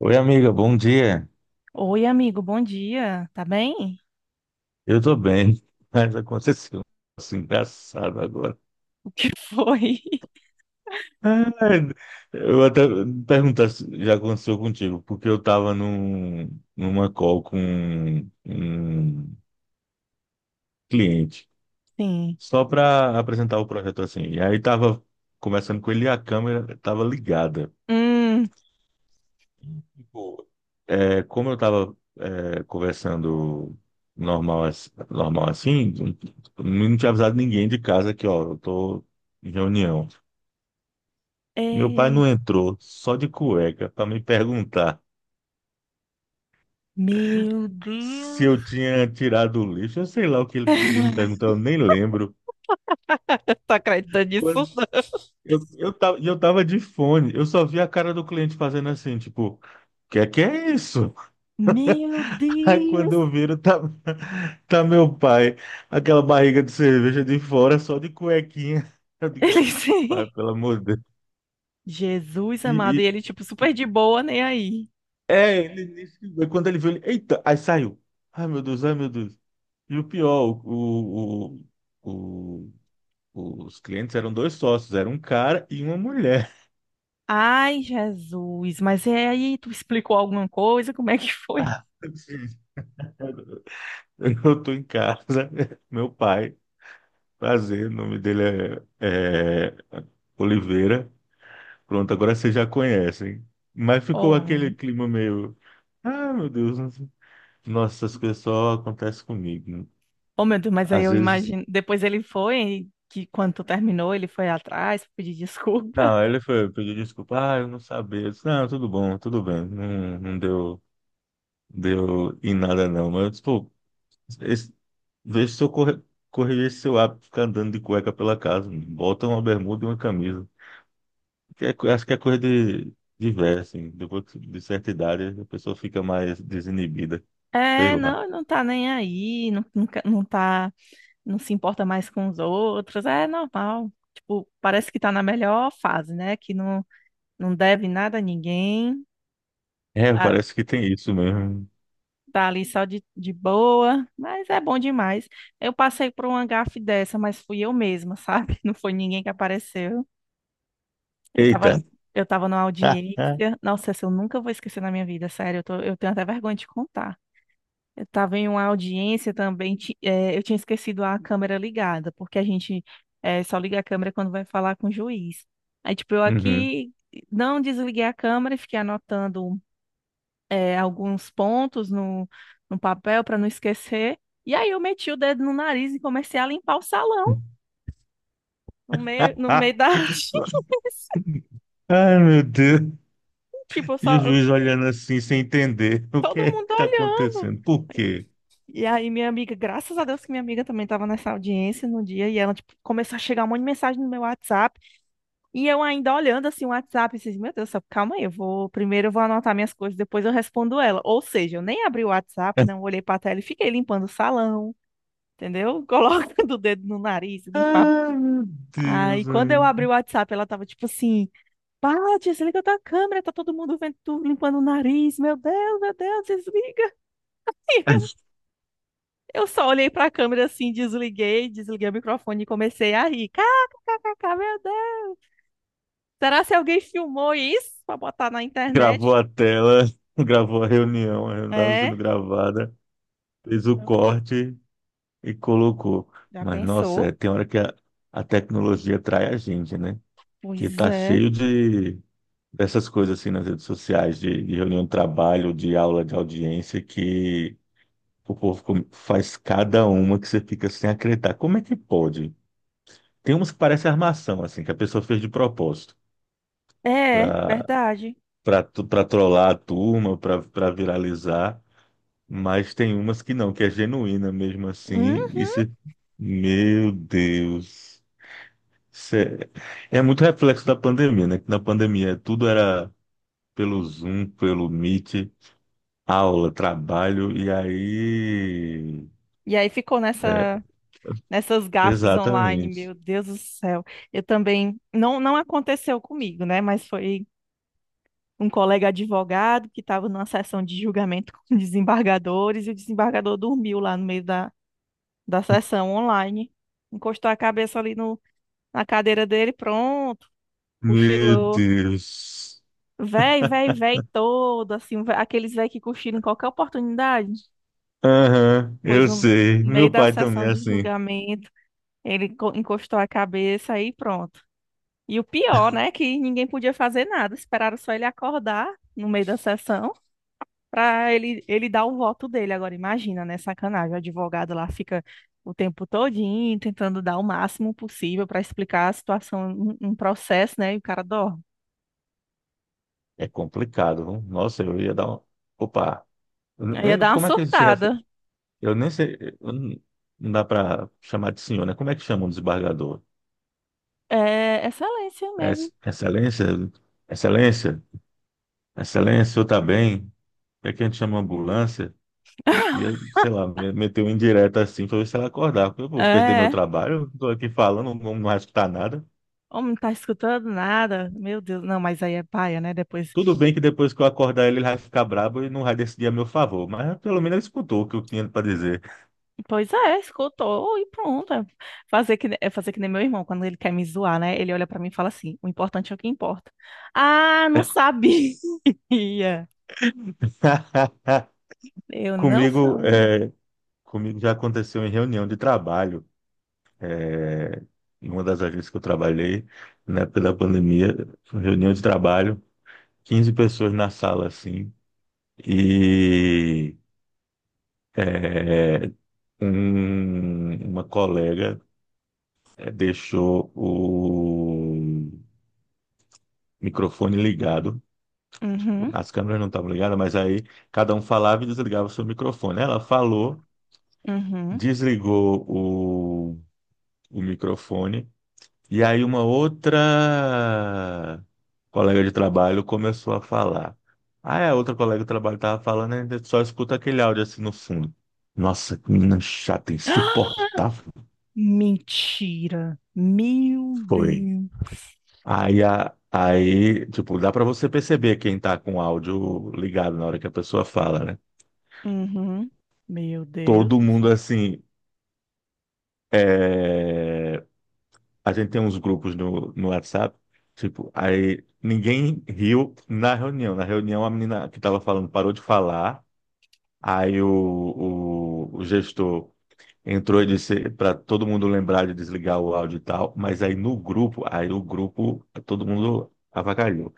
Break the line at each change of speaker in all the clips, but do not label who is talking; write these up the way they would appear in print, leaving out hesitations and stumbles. Oi, amiga, bom dia.
Oi, amigo, bom dia. Tá bem?
Eu tô bem, mas aconteceu um negócio engraçado agora.
O que foi?
Ai, eu até perguntar se já aconteceu contigo, porque eu tava numa call com um cliente,
Sim.
só para apresentar o projeto assim. E aí tava conversando com ele e a câmera tava ligada.
Hum,
Pô, é, como eu tava conversando normal, normal assim, não tinha avisado ninguém de casa que, ó, eu tô em reunião. Meu pai
é...
não entrou, só de cueca, para me perguntar
Meu Deus.
se eu tinha tirado o lixo. Eu sei lá o que ele queria me perguntar, eu nem lembro.
Tá acreditando nisso?
Quando
Não?
eu tava de fone, eu só vi a cara do cliente fazendo assim, tipo, que é isso?
Meu
Aí quando
Deus.
eu viro, tá, tá meu pai, aquela barriga de cerveja de fora, só de cuequinha. Eu digo,
Ele sim.
pai, pelo amor de Deus.
Jesus
E,
amado, e
e-
ele, tipo,
e-
super de boa, nem aí.
ele nem ligou. Quando ele viu, ele, eita, aí saiu. Ai, meu Deus, ai, meu Deus. E o pior, o, os clientes eram dois sócios, era um cara e uma mulher.
Ai, Jesus, mas é aí, tu explicou alguma coisa? Como é que foi?
Assim, eu tô em casa, meu pai, prazer, o nome dele é Oliveira. Pronto, agora vocês já conhecem. Mas ficou
Oh, meu
aquele
Deus,
clima meio, ah, meu Deus, nossa, essas coisas só acontecem comigo, né?
oh, meu Deus, mas aí
Às
eu
vezes,
imagino. Depois ele foi, que quando tu terminou, ele foi atrás pedir desculpa.
não, ele foi pedir desculpa, ah, eu não sabia. Eu disse, não, tudo bom, tudo bem, não, não deu em nada não. Mas, pô, Esse- vê se eu corrigir esse seu hábito de ficar andando de cueca pela casa, mano. Bota uma bermuda e uma camisa. Que é acho que é coisa de velho, assim. Depois de certa idade, a pessoa fica mais desinibida. Sei
É,
lá.
não, não tá nem aí, não, não, tá, não se importa mais com os outros, é normal. Tipo, parece que tá na melhor fase, né? Que não, não deve nada a ninguém,
É,
tá,
parece que tem isso mesmo.
tá ali só de boa, mas é bom demais. Eu passei por uma gafe dessa, mas fui eu mesma, sabe? Não foi ninguém que apareceu. Eu
Eita.
tava, eu tava numa audiência. Nossa, essa eu nunca vou esquecer na minha vida, sério. Eu tenho até vergonha de contar. Eu estava em uma audiência também, eu tinha esquecido a câmera ligada, porque a gente só liga a câmera quando vai falar com o juiz. Aí, tipo, eu
Uhum.
aqui não desliguei a câmera e fiquei anotando, alguns pontos no papel para não esquecer. E aí eu meti o dedo no nariz e comecei a limpar o salão, no
Ah,
meio da audiência.
ai, meu Deus.
Tipo, eu
E o
só,
juiz olhando assim, sem entender o que
todo
é
mundo
que tá
olhando.
acontecendo. Por quê?
E aí, minha amiga, graças a Deus que minha amiga também estava nessa audiência no dia, e ela, tipo, começou a chegar um monte de mensagem no meu WhatsApp. E eu ainda olhando assim o WhatsApp, e meu Deus, do céu, calma aí, eu vou anotar minhas coisas, depois eu respondo ela. Ou seja, eu nem abri o WhatsApp, não olhei para a tela e fiquei limpando o salão, entendeu? Colocando o dedo no nariz, limpava.
Ai, meu
Aí
Deus,
quando eu abri o WhatsApp, ela tava tipo assim: "Pá, desliga tua câmera, tá todo mundo vendo tu limpando o nariz. Meu Deus, desliga".
ai.
Eu só olhei para a câmera assim, desliguei, desliguei o microfone e comecei a rir. Kkk, meu Deus. Será se alguém filmou isso para botar na
Gravou
internet?
a tela, gravou a reunião estava
É?
sendo gravada, fez o
Não.
corte e colocou.
Já
Mas, nossa,
pensou?
é, tem hora que a tecnologia trai a gente, né? Que
Pois
tá
é.
cheio de dessas coisas assim nas redes sociais, de reunião de trabalho, de aula de audiência, que o povo faz cada uma que você fica sem acreditar. Como é que pode? Tem umas que parece armação, assim, que a pessoa fez de propósito.
É,
Para
verdade.
para trollar a turma, para viralizar. Mas tem umas que não, que é genuína mesmo assim.
Uhum.
Isso, meu Deus. Isso é muito reflexo da pandemia, né? Que na pandemia tudo era pelo Zoom, pelo Meet, aula, trabalho, e aí.
E aí ficou
É,
nessa, nessas gafes online,
exatamente.
meu Deus do céu. Eu também, não, não aconteceu comigo, né? Mas foi um colega advogado que estava numa sessão de julgamento com desembargadores, e o desembargador dormiu lá no meio da sessão online. Encostou a cabeça ali no, na cadeira dele, pronto,
Meu
cochilou.
Deus.
Véi, véi, véi todo, assim, vé- aqueles véi que cochilam em qualquer oportunidade.
Aham,
Pois
eu
no,
sei.
No meio
Meu
da
pai também
sessão
é
de
assim.
julgamento, ele encostou a cabeça e pronto. E o pior, né, que ninguém podia fazer nada, esperaram só ele acordar no meio da sessão pra ele, ele dar o voto dele. Agora, imagina, né, sacanagem, o advogado lá fica o tempo todinho tentando dar o máximo possível pra explicar a situação, um processo, né, e o cara dorme.
É complicado, não? Nossa, eu ia dar uma. Opa,
Aí ia dar uma
como é que ele se.
surtada.
Eu nem sei, eu não. Não dá para chamar de senhor, né? Como é que chama um desembargador?
É excelência
É
mesmo.
excelência? Excelência? Excelência, o senhor tá bem? É que a gente chama ambulância? E eu, sei lá, meteu um indireto assim para ver se ela acordava. Eu vou perder meu
É,
trabalho, eu tô aqui falando, não, não vai escutar nada.
homem, não tá escutando nada. Meu Deus, não, mas aí é paia, né? Depois.
Tudo bem que depois que eu acordar ele, ele vai ficar brabo e não vai decidir a meu favor, mas pelo menos ele escutou o que eu tinha para dizer.
Pois é, escutou e pronto. É fazer que, ne- é fazer que nem meu irmão, quando ele quer me zoar, né? Ele olha pra mim e fala assim: o importante é o que importa. Ah, não sabia. Eu não
Comigo,
sabia.
é, comigo já aconteceu em reunião de trabalho. É, em uma das agências que eu trabalhei, na época da pandemia, foi reunião de trabalho, 15 pessoas na sala, assim, e é, uma colega deixou o microfone ligado,
Uhum,
as câmeras não estavam ligadas, mas aí cada um falava e desligava o seu microfone. Ela falou,
uhum.
desligou o microfone. E aí uma outra colega de trabalho começou a falar. Ah, é, a outra colega de trabalho estava falando, a gente só escuta aquele áudio assim no fundo. Nossa, que menina chata, insuportável
Mentira. Meu
foi.
Deus.
Aí, tipo, dá para você perceber quem tá com o áudio ligado na hora que a pessoa fala, né?
Uhum. Meu Deus
Todo
do
mundo
céu.
assim, é, a gente tem uns grupos no WhatsApp, tipo, aí ninguém riu na reunião. Na reunião, a menina que estava falando parou de falar, aí o gestor entrou e disse para todo mundo lembrar de desligar o áudio e tal, mas aí no grupo, aí o grupo, todo mundo avacalhou.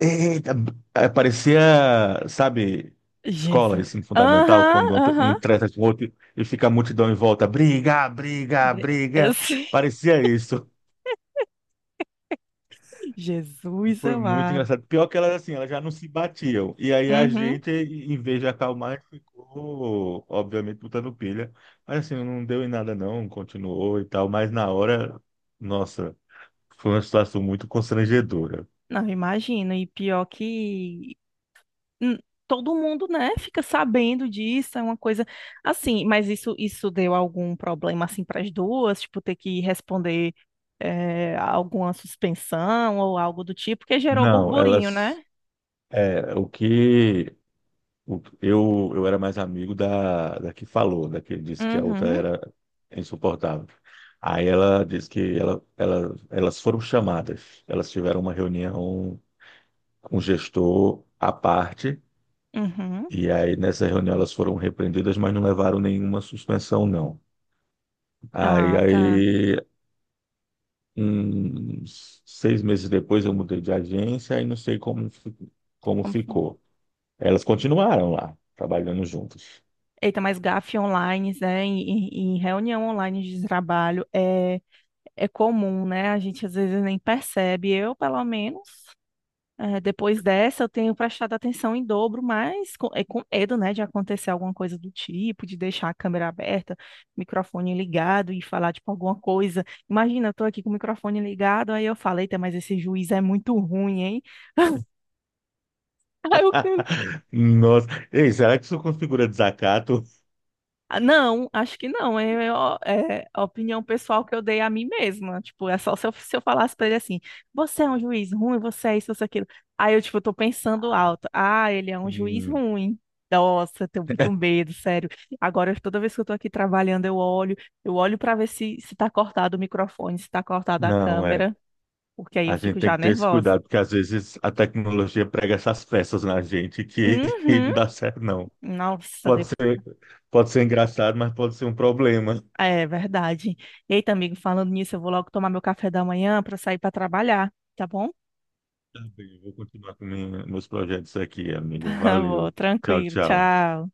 Eita, parecia, sabe, escola,
Jesus.
ensino fundamental,
Aham,
quando um
aham.
treta com o outro e fica a multidão em volta, briga, briga,
Bre- eu
briga.
sei.
Parecia isso.
Jesus
Foi muito
amado.
engraçado. Pior que elas, assim, elas já não se batiam. E aí a
Uhum.
gente, em vez de acalmar, a gente ficou, obviamente, botando pilha. Mas, assim, não deu em nada, não. Continuou e tal. Mas na hora, nossa, foi uma situação muito constrangedora.
Não, imagino. E pior que hum, todo mundo, né, fica sabendo disso, é uma coisa assim. Mas isso deu algum problema assim para as duas, tipo ter que responder, alguma suspensão ou algo do tipo, que gerou
Não,
burburinho,
elas.
né?
É, o que eu era mais amigo da que falou, da que disse que a outra
Uhum.
era insuportável. Aí ela disse que elas foram chamadas, elas tiveram uma reunião com o gestor à parte,
Uhum.
e aí nessa reunião elas foram repreendidas, mas não levaram nenhuma suspensão, não. Aí,
Ah, tá.
aí uns 6 meses depois eu mudei de agência e não sei como, como
Como... foi?
ficou. Elas continuaram lá, trabalhando juntas.
Eita, mas gafe online, né, em, em reunião online de trabalho é comum, né? A gente às vezes nem percebe. Eu, pelo menos, depois dessa, eu tenho prestado atenção em dobro, mas com, é com medo, né, de acontecer alguma coisa do tipo, de deixar a câmera aberta, microfone ligado e falar, tipo, alguma coisa. Imagina, eu tô aqui com o microfone ligado, aí eu falei, mas esse juiz é muito ruim, hein? Aí eu...
Nossa. Ei, será que isso configura desacato?
Ah, não, acho que não. É, é ó, é a opinião pessoal que eu dei a mim mesma. Tipo, é só se eu falasse pra ele assim: você é um juiz ruim, você é isso, você é aquilo. Aí eu, tipo, tô pensando
Ah,
alto: ah, ele é um juiz
hum,
ruim. Nossa, eu tenho muito medo, sério. Agora, toda vez que eu tô aqui trabalhando, eu olho pra ver se, se tá cortado o microfone, se tá cortada a
não, é.
câmera, porque aí
A
eu
gente
fico
tem que
já
ter esse
nervosa.
cuidado, porque às vezes a tecnologia prega essas peças na gente que que
Uhum.
não dá certo, não.
Nossa.
Pode ser, pode ser engraçado, mas pode ser um problema.
É verdade. Eita, amigo, falando nisso, eu vou logo tomar meu café da manhã para sair para trabalhar, tá bom?
Tá bem, eu vou continuar com meus projetos aqui, amigo.
Vou,
Valeu. Tchau,
tranquilo,
tchau.
tchau.